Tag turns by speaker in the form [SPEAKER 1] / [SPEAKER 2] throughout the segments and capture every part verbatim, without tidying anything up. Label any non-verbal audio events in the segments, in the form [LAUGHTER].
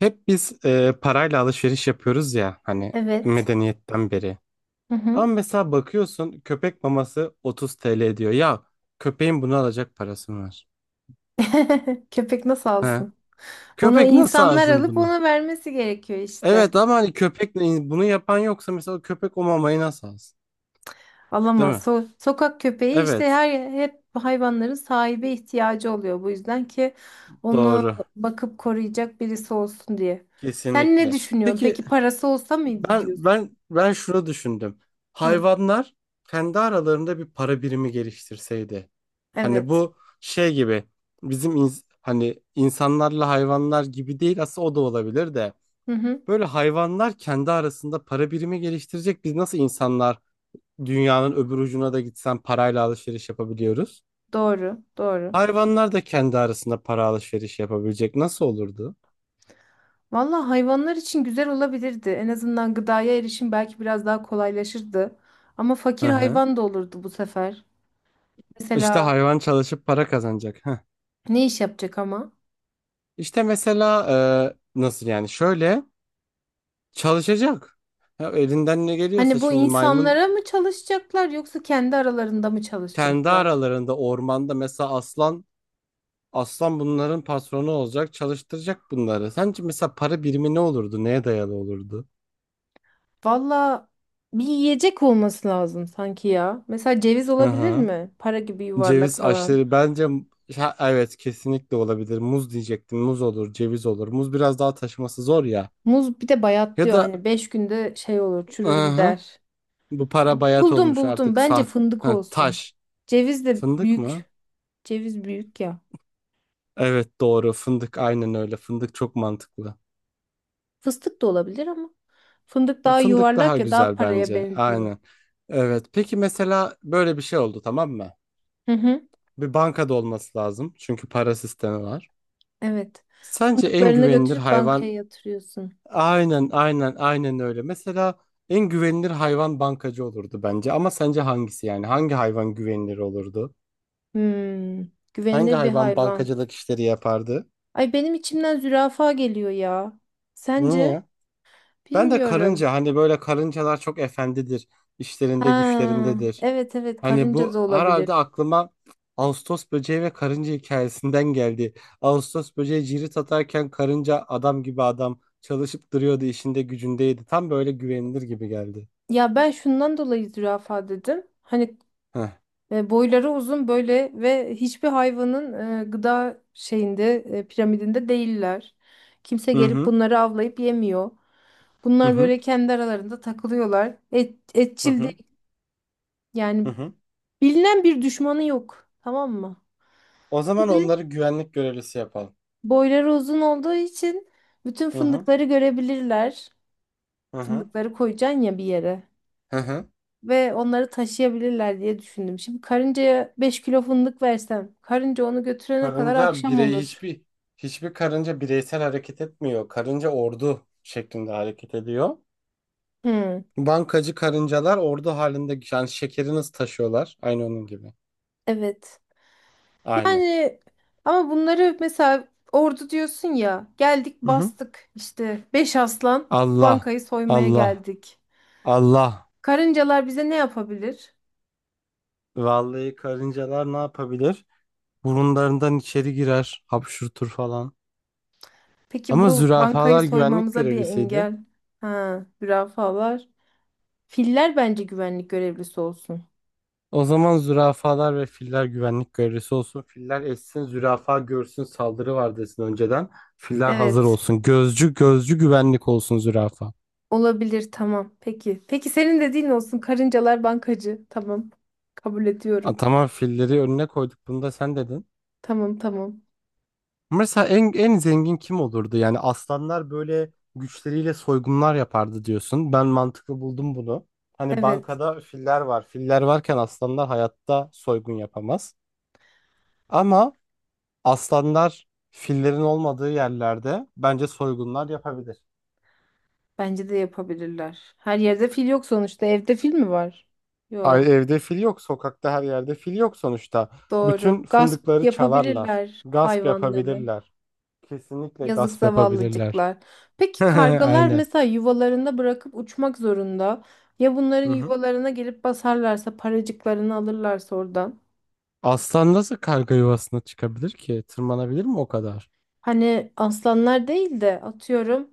[SPEAKER 1] Hep biz e, parayla alışveriş yapıyoruz ya hani
[SPEAKER 2] Evet.
[SPEAKER 1] medeniyetten beri.
[SPEAKER 2] Hı
[SPEAKER 1] Ama
[SPEAKER 2] hı.
[SPEAKER 1] mesela bakıyorsun köpek maması otuz T L diyor. Ya köpeğin bunu alacak parası mı var?
[SPEAKER 2] [LAUGHS] Köpek nasıl
[SPEAKER 1] He?
[SPEAKER 2] alsın? Ona
[SPEAKER 1] Köpek nasıl
[SPEAKER 2] insanlar
[SPEAKER 1] alsın
[SPEAKER 2] alıp
[SPEAKER 1] bunu?
[SPEAKER 2] ona vermesi gerekiyor işte.
[SPEAKER 1] Evet ama hani köpek bunu yapan yoksa mesela köpek o mamayı nasıl alsın? Değil
[SPEAKER 2] Alamaz.
[SPEAKER 1] mi?
[SPEAKER 2] So- sokak köpeği işte
[SPEAKER 1] Evet,
[SPEAKER 2] her hep hayvanların sahibi ihtiyacı oluyor. Bu yüzden ki onu
[SPEAKER 1] doğru,
[SPEAKER 2] bakıp koruyacak birisi olsun diye. Sen ne
[SPEAKER 1] kesinlikle.
[SPEAKER 2] düşünüyorsun?
[SPEAKER 1] Peki.
[SPEAKER 2] Peki parası olsa mıydı
[SPEAKER 1] Ben
[SPEAKER 2] diyorsun?
[SPEAKER 1] ben ben şunu düşündüm.
[SPEAKER 2] Hı.
[SPEAKER 1] Hayvanlar kendi aralarında bir para birimi geliştirseydi. Hani
[SPEAKER 2] Evet.
[SPEAKER 1] bu şey gibi bizim ins- hani insanlarla hayvanlar gibi değil, aslında o da olabilir de
[SPEAKER 2] Hı hı.
[SPEAKER 1] böyle hayvanlar kendi arasında para birimi geliştirecek. Biz nasıl insanlar dünyanın öbür ucuna da gitsen parayla alışveriş yapabiliyoruz?
[SPEAKER 2] Doğru. Doğru.
[SPEAKER 1] Hayvanlar da kendi arasında para alışverişi yapabilecek. Nasıl olurdu?
[SPEAKER 2] Valla hayvanlar için güzel olabilirdi. En azından gıdaya erişim belki biraz daha kolaylaşırdı. Ama
[SPEAKER 1] Hı
[SPEAKER 2] fakir
[SPEAKER 1] hı.
[SPEAKER 2] hayvan da olurdu bu sefer.
[SPEAKER 1] İşte
[SPEAKER 2] Mesela
[SPEAKER 1] hayvan çalışıp para kazanacak. [LAUGHS]
[SPEAKER 2] ne iş yapacak ama?
[SPEAKER 1] İşte mesela e, nasıl yani şöyle çalışacak. Ya elinden ne geliyorsa
[SPEAKER 2] Hani bu
[SPEAKER 1] şimdi maymun
[SPEAKER 2] insanlara mı çalışacaklar yoksa kendi aralarında mı
[SPEAKER 1] kendi
[SPEAKER 2] çalışacaklar?
[SPEAKER 1] aralarında ormanda mesela aslan aslan bunların patronu olacak, çalıştıracak bunları. Sence mesela para birimi ne olurdu? Neye dayalı olurdu?
[SPEAKER 2] Valla bir yiyecek olması lazım sanki ya. Mesela ceviz
[SPEAKER 1] Hı
[SPEAKER 2] olabilir
[SPEAKER 1] hı.
[SPEAKER 2] mi? Para gibi yuvarlak
[SPEAKER 1] Ceviz
[SPEAKER 2] falan.
[SPEAKER 1] aşırı bence. Ha, evet, kesinlikle olabilir. Muz diyecektim. Muz olur, ceviz olur. Muz biraz daha taşıması zor ya.
[SPEAKER 2] Muz bir de
[SPEAKER 1] Ya
[SPEAKER 2] bayatlıyor
[SPEAKER 1] da
[SPEAKER 2] hani beş günde şey olur,
[SPEAKER 1] hı
[SPEAKER 2] çürür
[SPEAKER 1] hı.
[SPEAKER 2] gider.
[SPEAKER 1] Bu para bayat
[SPEAKER 2] Buldum
[SPEAKER 1] olmuş
[SPEAKER 2] buldum,
[SPEAKER 1] artık
[SPEAKER 2] bence
[SPEAKER 1] sah.
[SPEAKER 2] fındık
[SPEAKER 1] Ha,
[SPEAKER 2] olsun.
[SPEAKER 1] taş.
[SPEAKER 2] Ceviz de
[SPEAKER 1] Fındık mı?
[SPEAKER 2] büyük. Ceviz büyük ya.
[SPEAKER 1] Evet, doğru fındık, aynen öyle, fındık çok mantıklı.
[SPEAKER 2] Fıstık da olabilir ama. Fındık daha
[SPEAKER 1] Fındık
[SPEAKER 2] yuvarlak
[SPEAKER 1] daha
[SPEAKER 2] ya, daha
[SPEAKER 1] güzel
[SPEAKER 2] paraya
[SPEAKER 1] bence,
[SPEAKER 2] benziyor.
[SPEAKER 1] aynen. Evet, peki mesela böyle bir şey oldu, tamam mı?
[SPEAKER 2] Hı hı.
[SPEAKER 1] Bir bankada olması lazım çünkü para sistemi var.
[SPEAKER 2] Evet.
[SPEAKER 1] Sence en
[SPEAKER 2] Fındıklarını
[SPEAKER 1] güvenilir
[SPEAKER 2] götürüp bankaya
[SPEAKER 1] hayvan?
[SPEAKER 2] yatırıyorsun.
[SPEAKER 1] Aynen, aynen, aynen öyle. Mesela en güvenilir hayvan bankacı olurdu bence ama sence hangisi, yani hangi hayvan güvenilir olurdu?
[SPEAKER 2] Hmm,
[SPEAKER 1] Hangi
[SPEAKER 2] güvenilir bir
[SPEAKER 1] hayvan
[SPEAKER 2] hayvan.
[SPEAKER 1] bankacılık işleri yapardı?
[SPEAKER 2] Ay, benim içimden zürafa geliyor ya. Sence?
[SPEAKER 1] Niye? Ben de
[SPEAKER 2] Bilmiyorum.
[SPEAKER 1] karınca, hani böyle karıncalar çok efendidir. İşlerinde
[SPEAKER 2] Ha,
[SPEAKER 1] güçlerindedir.
[SPEAKER 2] evet evet,
[SPEAKER 1] Hani
[SPEAKER 2] karınca
[SPEAKER 1] bu
[SPEAKER 2] da
[SPEAKER 1] herhalde
[SPEAKER 2] olabilir.
[SPEAKER 1] aklıma Ağustos böceği ve karınca hikayesinden geldi. Ağustos böceği cirit atarken karınca adam gibi adam çalışıp duruyordu, işinde gücündeydi. Tam böyle güvenilir gibi geldi.
[SPEAKER 2] Ya ben şundan dolayı zürafa dedim. Hani
[SPEAKER 1] Heh.
[SPEAKER 2] e, boyları uzun böyle ve hiçbir hayvanın e, gıda şeyinde e, piramidinde değiller. Kimse
[SPEAKER 1] Hı
[SPEAKER 2] gelip
[SPEAKER 1] hı.
[SPEAKER 2] bunları avlayıp yemiyor.
[SPEAKER 1] Hı
[SPEAKER 2] Bunlar
[SPEAKER 1] hı.
[SPEAKER 2] böyle kendi aralarında takılıyorlar. Et,
[SPEAKER 1] Hı
[SPEAKER 2] etçil
[SPEAKER 1] hı.
[SPEAKER 2] değil.
[SPEAKER 1] Hı
[SPEAKER 2] Yani
[SPEAKER 1] hı.
[SPEAKER 2] bilinen bir düşmanı yok. Tamam mı?
[SPEAKER 1] O
[SPEAKER 2] Bir
[SPEAKER 1] zaman
[SPEAKER 2] de
[SPEAKER 1] onları güvenlik görevlisi yapalım.
[SPEAKER 2] boyları uzun olduğu için bütün
[SPEAKER 1] Hı hı.
[SPEAKER 2] fındıkları görebilirler.
[SPEAKER 1] Hı hı.
[SPEAKER 2] Fındıkları koyacaksın ya bir yere.
[SPEAKER 1] Hı hı.
[SPEAKER 2] Ve onları taşıyabilirler diye düşündüm. Şimdi karıncaya beş kilo fındık versem, karınca onu götürene kadar
[SPEAKER 1] Karınca
[SPEAKER 2] akşam
[SPEAKER 1] birey
[SPEAKER 2] olur.
[SPEAKER 1] hiçbir hiçbir karınca bireysel hareket etmiyor. Karınca ordu şeklinde hareket ediyor.
[SPEAKER 2] Hmm,
[SPEAKER 1] Bankacı karıncalar ordu halinde, yani şekeri nasıl taşıyorlar? Aynı onun gibi.
[SPEAKER 2] evet.
[SPEAKER 1] Aynen.
[SPEAKER 2] Yani ama bunları mesela ordu diyorsun ya. Geldik
[SPEAKER 1] Hı hı.
[SPEAKER 2] bastık işte. Beş aslan
[SPEAKER 1] Allah,
[SPEAKER 2] bankayı soymaya
[SPEAKER 1] Allah,
[SPEAKER 2] geldik.
[SPEAKER 1] Allah.
[SPEAKER 2] Karıncalar bize ne yapabilir?
[SPEAKER 1] Vallahi karıncalar ne yapabilir? Burunlarından içeri girer, hapşurtur falan.
[SPEAKER 2] Peki
[SPEAKER 1] Ama
[SPEAKER 2] bu bankayı
[SPEAKER 1] zürafalar güvenlik
[SPEAKER 2] soymamıza bir
[SPEAKER 1] görevlisiydi.
[SPEAKER 2] engel. Ha, zürafalar. Filler bence güvenlik görevlisi olsun.
[SPEAKER 1] O zaman zürafalar ve filler güvenlik görevlisi olsun. Filler essin, zürafa görsün, saldırı var desin önceden. Filler hazır
[SPEAKER 2] Evet.
[SPEAKER 1] olsun. Gözcü, gözcü güvenlik olsun zürafa.
[SPEAKER 2] Olabilir, tamam. Peki. Peki, senin dediğin olsun. Karıncalar bankacı. Tamam. Kabul
[SPEAKER 1] A,
[SPEAKER 2] ediyorum.
[SPEAKER 1] tamam, filleri önüne koyduk. Bunu da sen dedin.
[SPEAKER 2] Tamam, tamam.
[SPEAKER 1] Mesela en, en zengin kim olurdu? Yani aslanlar böyle güçleriyle soygunlar yapardı diyorsun. Ben mantıklı buldum bunu. Hani
[SPEAKER 2] Evet.
[SPEAKER 1] bankada filler var. Filler varken aslanlar hayatta soygun yapamaz. Ama aslanlar fillerin olmadığı yerlerde bence soygunlar yapabilir.
[SPEAKER 2] Bence de yapabilirler. Her yerde fil yok sonuçta. Evde fil mi var? Yok.
[SPEAKER 1] Ay, evde fil yok, sokakta her yerde fil yok sonuçta.
[SPEAKER 2] Doğru.
[SPEAKER 1] Bütün
[SPEAKER 2] Gasp
[SPEAKER 1] fındıkları çalarlar.
[SPEAKER 2] yapabilirler
[SPEAKER 1] Gasp
[SPEAKER 2] hayvanları.
[SPEAKER 1] yapabilirler. Kesinlikle
[SPEAKER 2] Yazık
[SPEAKER 1] gasp yapabilirler.
[SPEAKER 2] zavallıcıklar.
[SPEAKER 1] [LAUGHS]
[SPEAKER 2] Peki kargalar
[SPEAKER 1] Aynen.
[SPEAKER 2] mesela yuvalarında bırakıp uçmak zorunda. Ya bunların
[SPEAKER 1] Hı hı.
[SPEAKER 2] yuvalarına gelip basarlarsa, paracıklarını alırlarsa oradan.
[SPEAKER 1] Aslan nasıl karga yuvasına çıkabilir ki? Tırmanabilir mi o kadar?
[SPEAKER 2] Hani aslanlar değil de atıyorum.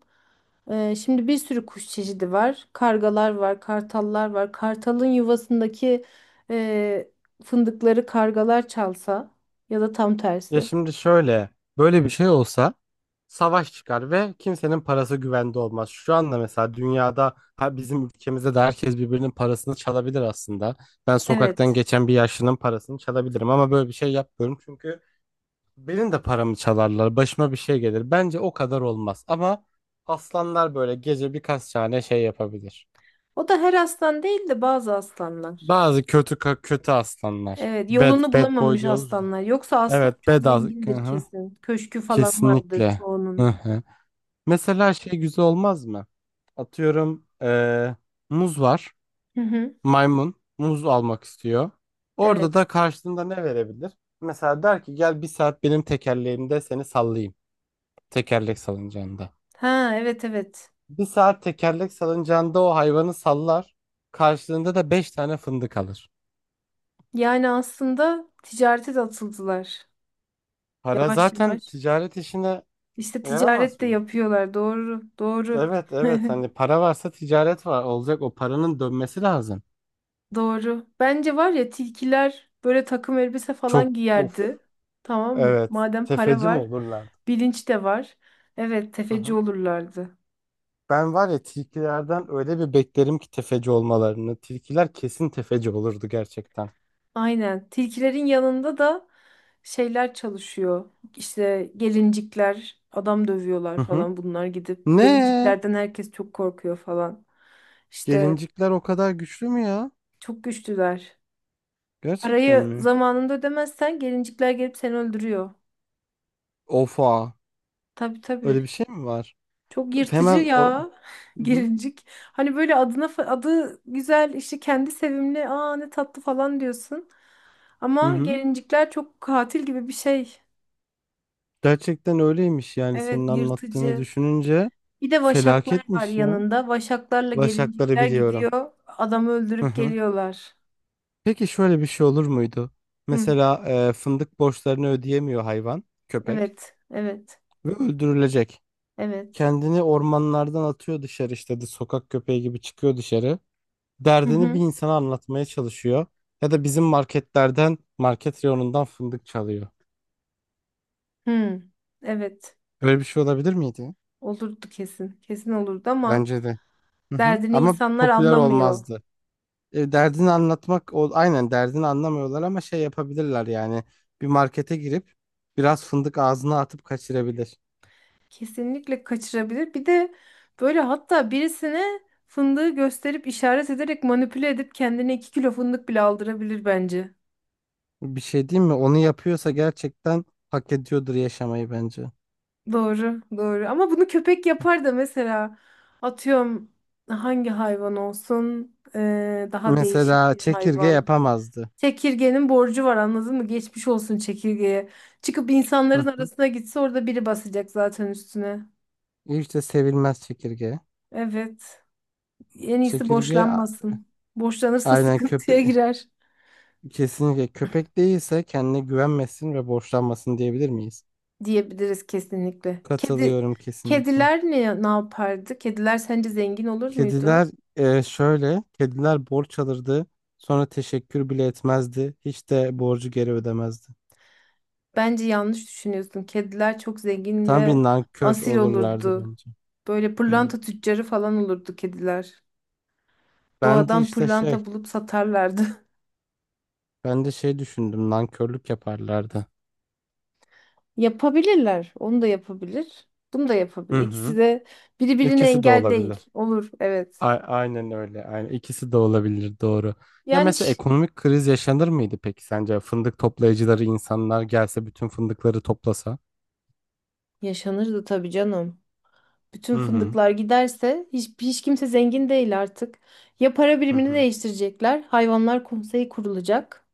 [SPEAKER 2] e, Şimdi bir sürü kuş çeşidi var. Kargalar var, kartallar var. Kartalın yuvasındaki e, fındıkları kargalar çalsa, ya da tam
[SPEAKER 1] Ya
[SPEAKER 2] tersi.
[SPEAKER 1] şimdi şöyle, böyle bir şey olsa savaş çıkar ve kimsenin parası güvende olmaz. Şu anda mesela dünyada ha bizim ülkemizde de herkes birbirinin parasını çalabilir aslında. Ben sokaktan
[SPEAKER 2] Evet.
[SPEAKER 1] geçen bir yaşlının parasını çalabilirim ama böyle bir şey yapmıyorum çünkü benim de paramı çalarlar, başıma bir şey gelir. Bence o kadar olmaz ama aslanlar böyle gece birkaç tane şey yapabilir.
[SPEAKER 2] O da her aslan değil de bazı aslanlar.
[SPEAKER 1] Bazı kötü kötü aslanlar.
[SPEAKER 2] Evet,
[SPEAKER 1] Bad
[SPEAKER 2] yolunu
[SPEAKER 1] bad boy
[SPEAKER 2] bulamamış
[SPEAKER 1] diyoruz.
[SPEAKER 2] aslanlar. Yoksa aslan
[SPEAKER 1] Evet,
[SPEAKER 2] çok
[SPEAKER 1] bedava.
[SPEAKER 2] zengindir
[SPEAKER 1] Hı.
[SPEAKER 2] kesin. Köşkü falan vardır
[SPEAKER 1] Kesinlikle.
[SPEAKER 2] çoğunun.
[SPEAKER 1] Hı-hı. Mesela şey güzel olmaz mı? Atıyorum eee, muz var.
[SPEAKER 2] Hı hı.
[SPEAKER 1] Maymun muz almak istiyor. Orada da
[SPEAKER 2] Evet.
[SPEAKER 1] karşılığında ne verebilir? Mesela der ki gel bir saat benim tekerleğimde seni sallayayım. Tekerlek salıncağında.
[SPEAKER 2] Ha, evet evet.
[SPEAKER 1] Bir saat tekerlek salıncağında o hayvanı sallar. Karşılığında da beş tane fındık alır.
[SPEAKER 2] Yani aslında ticarete de atıldılar.
[SPEAKER 1] Para
[SPEAKER 2] Yavaş
[SPEAKER 1] zaten
[SPEAKER 2] yavaş.
[SPEAKER 1] ticaret işine
[SPEAKER 2] İşte
[SPEAKER 1] yaramaz
[SPEAKER 2] ticaret de
[SPEAKER 1] mı?
[SPEAKER 2] yapıyorlar. Doğru, doğru.
[SPEAKER 1] Evet, evet,
[SPEAKER 2] [LAUGHS]
[SPEAKER 1] hani para varsa ticaret var olacak, o paranın dönmesi lazım.
[SPEAKER 2] Doğru. Bence var ya, tilkiler böyle takım elbise
[SPEAKER 1] Çok.
[SPEAKER 2] falan giyerdi.
[SPEAKER 1] Of.
[SPEAKER 2] Tamam mı?
[SPEAKER 1] Evet,
[SPEAKER 2] Madem para
[SPEAKER 1] tefeci mi
[SPEAKER 2] var,
[SPEAKER 1] olurlar?
[SPEAKER 2] bilinç de var. Evet,
[SPEAKER 1] Hı
[SPEAKER 2] tefeci
[SPEAKER 1] hı.
[SPEAKER 2] olurlardı.
[SPEAKER 1] Ben var ya tilkilerden öyle bir beklerim ki tefeci olmalarını. Tilkiler kesin tefeci olurdu gerçekten.
[SPEAKER 2] Aynen. Tilkilerin yanında da şeyler çalışıyor. İşte gelincikler, adam dövüyorlar
[SPEAKER 1] Hı hı.
[SPEAKER 2] falan bunlar gidip.
[SPEAKER 1] Ne?
[SPEAKER 2] Gelinciklerden herkes çok korkuyor falan. İşte
[SPEAKER 1] Gelincikler o kadar güçlü mü ya?
[SPEAKER 2] çok güçlüler.
[SPEAKER 1] Gerçekten
[SPEAKER 2] Parayı
[SPEAKER 1] mi?
[SPEAKER 2] zamanında ödemezsen gelincikler gelip seni öldürüyor.
[SPEAKER 1] Ofa.
[SPEAKER 2] Tabii
[SPEAKER 1] Öyle bir
[SPEAKER 2] tabii.
[SPEAKER 1] şey mi var?
[SPEAKER 2] Çok yırtıcı
[SPEAKER 1] Hemen o...
[SPEAKER 2] ya. [LAUGHS]
[SPEAKER 1] Hı hı.
[SPEAKER 2] Gelincik. Hani böyle adına fa- adı güzel, işte kendi sevimli. Aa, ne tatlı falan diyorsun.
[SPEAKER 1] Hı
[SPEAKER 2] Ama
[SPEAKER 1] hı.
[SPEAKER 2] gelincikler çok katil gibi bir şey.
[SPEAKER 1] Gerçekten öyleymiş yani
[SPEAKER 2] Evet,
[SPEAKER 1] senin anlattığını
[SPEAKER 2] yırtıcı.
[SPEAKER 1] düşününce
[SPEAKER 2] Bir de vaşaklar var
[SPEAKER 1] felaketmiş ya.
[SPEAKER 2] yanında. Vaşaklarla
[SPEAKER 1] Başakları
[SPEAKER 2] gelincikler
[SPEAKER 1] biliyorum.
[SPEAKER 2] gidiyor. Adamı
[SPEAKER 1] Hı
[SPEAKER 2] öldürüp
[SPEAKER 1] hı.
[SPEAKER 2] geliyorlar.
[SPEAKER 1] Peki şöyle bir şey olur muydu?
[SPEAKER 2] Hı,
[SPEAKER 1] Mesela e, fındık borçlarını ödeyemiyor hayvan, köpek
[SPEAKER 2] evet, evet,
[SPEAKER 1] ve öldürülecek.
[SPEAKER 2] evet.
[SPEAKER 1] Kendini ormanlardan atıyor dışarı, işte de sokak köpeği gibi çıkıyor dışarı.
[SPEAKER 2] Hı
[SPEAKER 1] Derdini bir
[SPEAKER 2] hı,
[SPEAKER 1] insana anlatmaya çalışıyor. Ya da bizim marketlerden, market reyonundan fındık çalıyor.
[SPEAKER 2] hı. Evet.
[SPEAKER 1] Böyle bir şey olabilir miydi?
[SPEAKER 2] Olurdu kesin. Kesin olurdu ama
[SPEAKER 1] Bence de. Hı hı.
[SPEAKER 2] derdini
[SPEAKER 1] Ama
[SPEAKER 2] insanlar
[SPEAKER 1] popüler
[SPEAKER 2] anlamıyor.
[SPEAKER 1] olmazdı. E, derdini anlatmak, o, aynen, derdini anlamıyorlar ama şey yapabilirler yani. Bir markete girip biraz fındık ağzına atıp kaçırabilir.
[SPEAKER 2] Kesinlikle kaçırabilir. Bir de böyle hatta birisine fındığı gösterip işaret ederek manipüle edip kendine iki kilo fındık bile aldırabilir bence.
[SPEAKER 1] Bir şey diyeyim mi? Onu yapıyorsa gerçekten hak ediyordur yaşamayı bence.
[SPEAKER 2] Doğru, doğru. Ama bunu köpek yapar da mesela atıyorum hangi hayvan olsun? Ee, daha değişik
[SPEAKER 1] Mesela
[SPEAKER 2] bir
[SPEAKER 1] çekirge
[SPEAKER 2] hayvan.
[SPEAKER 1] yapamazdı.
[SPEAKER 2] Çekirgenin borcu var, anladın mı? Geçmiş olsun çekirgeye. Çıkıp
[SPEAKER 1] Hı
[SPEAKER 2] insanların
[SPEAKER 1] hı.
[SPEAKER 2] arasına gitse, orada biri basacak zaten üstüne.
[SPEAKER 1] İşte sevilmez çekirge.
[SPEAKER 2] Evet. En iyisi
[SPEAKER 1] Çekirge a-
[SPEAKER 2] borçlanmasın. Borçlanırsa
[SPEAKER 1] aynen köpe
[SPEAKER 2] sıkıntıya girer
[SPEAKER 1] kesinlikle köpek değilse kendine güvenmesin ve borçlanmasın, diyebilir miyiz?
[SPEAKER 2] diyebiliriz kesinlikle. Kedi,
[SPEAKER 1] Katılıyorum kesinlikle.
[SPEAKER 2] kediler ne, ne yapardı? Kediler sence zengin olur muydu?
[SPEAKER 1] Kediler e, şöyle kediler borç alırdı, sonra teşekkür bile etmezdi, hiç de borcu geri ödemezdi.
[SPEAKER 2] Bence yanlış düşünüyorsun. Kediler çok zengin
[SPEAKER 1] Tam bir
[SPEAKER 2] ve
[SPEAKER 1] nankör
[SPEAKER 2] asil
[SPEAKER 1] olurlardı
[SPEAKER 2] olurdu.
[SPEAKER 1] bence.
[SPEAKER 2] Böyle
[SPEAKER 1] Hı.
[SPEAKER 2] pırlanta tüccarı falan olurdu kediler.
[SPEAKER 1] Ben de
[SPEAKER 2] Doğadan
[SPEAKER 1] işte şey
[SPEAKER 2] pırlanta bulup satarlardı. [LAUGHS]
[SPEAKER 1] Ben de şey düşündüm, nankörlük yaparlardı.
[SPEAKER 2] Yapabilirler. Onu da yapabilir, bunu da yapabilir.
[SPEAKER 1] Hı
[SPEAKER 2] İkisi
[SPEAKER 1] hı.
[SPEAKER 2] de birbirine
[SPEAKER 1] İkisi de
[SPEAKER 2] engel değil.
[SPEAKER 1] olabilir.
[SPEAKER 2] Olur, evet.
[SPEAKER 1] A- aynen öyle. Aynen. İkisi de olabilir, doğru. Ya
[SPEAKER 2] Yani
[SPEAKER 1] mesela
[SPEAKER 2] ş-
[SPEAKER 1] ekonomik kriz yaşanır mıydı peki sence? Fındık toplayıcıları insanlar gelse bütün fındıkları toplasa.
[SPEAKER 2] Yaşanırdı tabii canım. Bütün
[SPEAKER 1] Hı hı.
[SPEAKER 2] fındıklar giderse hiç, hiç kimse zengin değil artık. Ya para
[SPEAKER 1] Hı
[SPEAKER 2] birimini
[SPEAKER 1] hı.
[SPEAKER 2] değiştirecekler, hayvanlar konseyi kurulacak.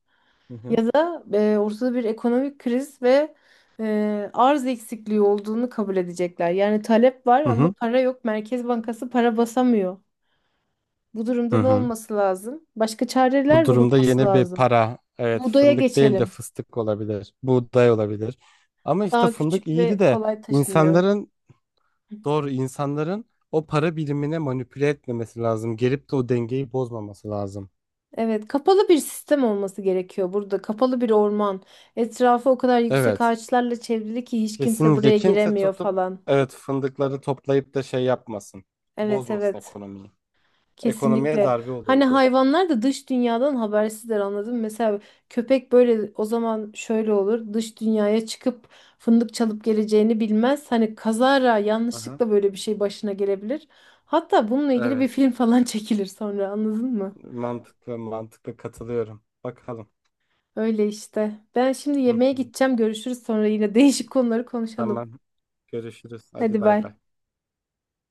[SPEAKER 1] Hı hı.
[SPEAKER 2] Ya da e, ortada bir ekonomik kriz ve e, arz eksikliği olduğunu kabul edecekler. Yani talep var
[SPEAKER 1] Hı
[SPEAKER 2] ama
[SPEAKER 1] hı.
[SPEAKER 2] para yok. Merkez Bankası para basamıyor. Bu durumda
[SPEAKER 1] Hı
[SPEAKER 2] ne
[SPEAKER 1] hı.
[SPEAKER 2] olması lazım? Başka
[SPEAKER 1] Bu
[SPEAKER 2] çareler
[SPEAKER 1] durumda
[SPEAKER 2] bulunması
[SPEAKER 1] yeni bir
[SPEAKER 2] lazım.
[SPEAKER 1] para. Evet,
[SPEAKER 2] Buğdaya
[SPEAKER 1] fındık değil de
[SPEAKER 2] geçelim.
[SPEAKER 1] fıstık olabilir. Buğday olabilir. Ama işte
[SPEAKER 2] Daha
[SPEAKER 1] fındık
[SPEAKER 2] küçük
[SPEAKER 1] iyiydi
[SPEAKER 2] ve
[SPEAKER 1] de
[SPEAKER 2] kolay taşınıyor.
[SPEAKER 1] insanların, doğru, insanların o para birimine manipüle etmemesi lazım. Gelip de o dengeyi bozmaması lazım.
[SPEAKER 2] Evet, kapalı bir sistem olması gerekiyor burada. Kapalı bir orman. Etrafı o kadar yüksek
[SPEAKER 1] Evet.
[SPEAKER 2] ağaçlarla çevrili ki hiç kimse
[SPEAKER 1] Kesinlikle
[SPEAKER 2] buraya
[SPEAKER 1] kimse
[SPEAKER 2] giremiyor
[SPEAKER 1] tutup,
[SPEAKER 2] falan.
[SPEAKER 1] evet, fındıkları toplayıp da şey yapmasın.
[SPEAKER 2] Evet,
[SPEAKER 1] Bozmasın
[SPEAKER 2] evet.
[SPEAKER 1] ekonomiyi. Ekonomiye
[SPEAKER 2] Kesinlikle.
[SPEAKER 1] darbe
[SPEAKER 2] Hani
[SPEAKER 1] olurdu.
[SPEAKER 2] hayvanlar da dış dünyadan habersizler, anladın mı? Mesela köpek böyle, o zaman şöyle olur. Dış dünyaya çıkıp fındık çalıp geleceğini bilmez. Hani kazara
[SPEAKER 1] Aha.
[SPEAKER 2] yanlışlıkla böyle bir şey başına gelebilir. Hatta bununla ilgili bir
[SPEAKER 1] Evet.
[SPEAKER 2] film falan [LAUGHS] çekilir sonra, anladın mı?
[SPEAKER 1] Mantıklı, mantıklı, katılıyorum. Bakalım.
[SPEAKER 2] Öyle işte. Ben şimdi
[SPEAKER 1] Hı
[SPEAKER 2] yemeğe
[SPEAKER 1] hı.
[SPEAKER 2] gideceğim. Görüşürüz, sonra yine değişik konuları konuşalım.
[SPEAKER 1] Tamam. Görüşürüz. Hadi
[SPEAKER 2] Hadi
[SPEAKER 1] bay
[SPEAKER 2] bay.
[SPEAKER 1] bay.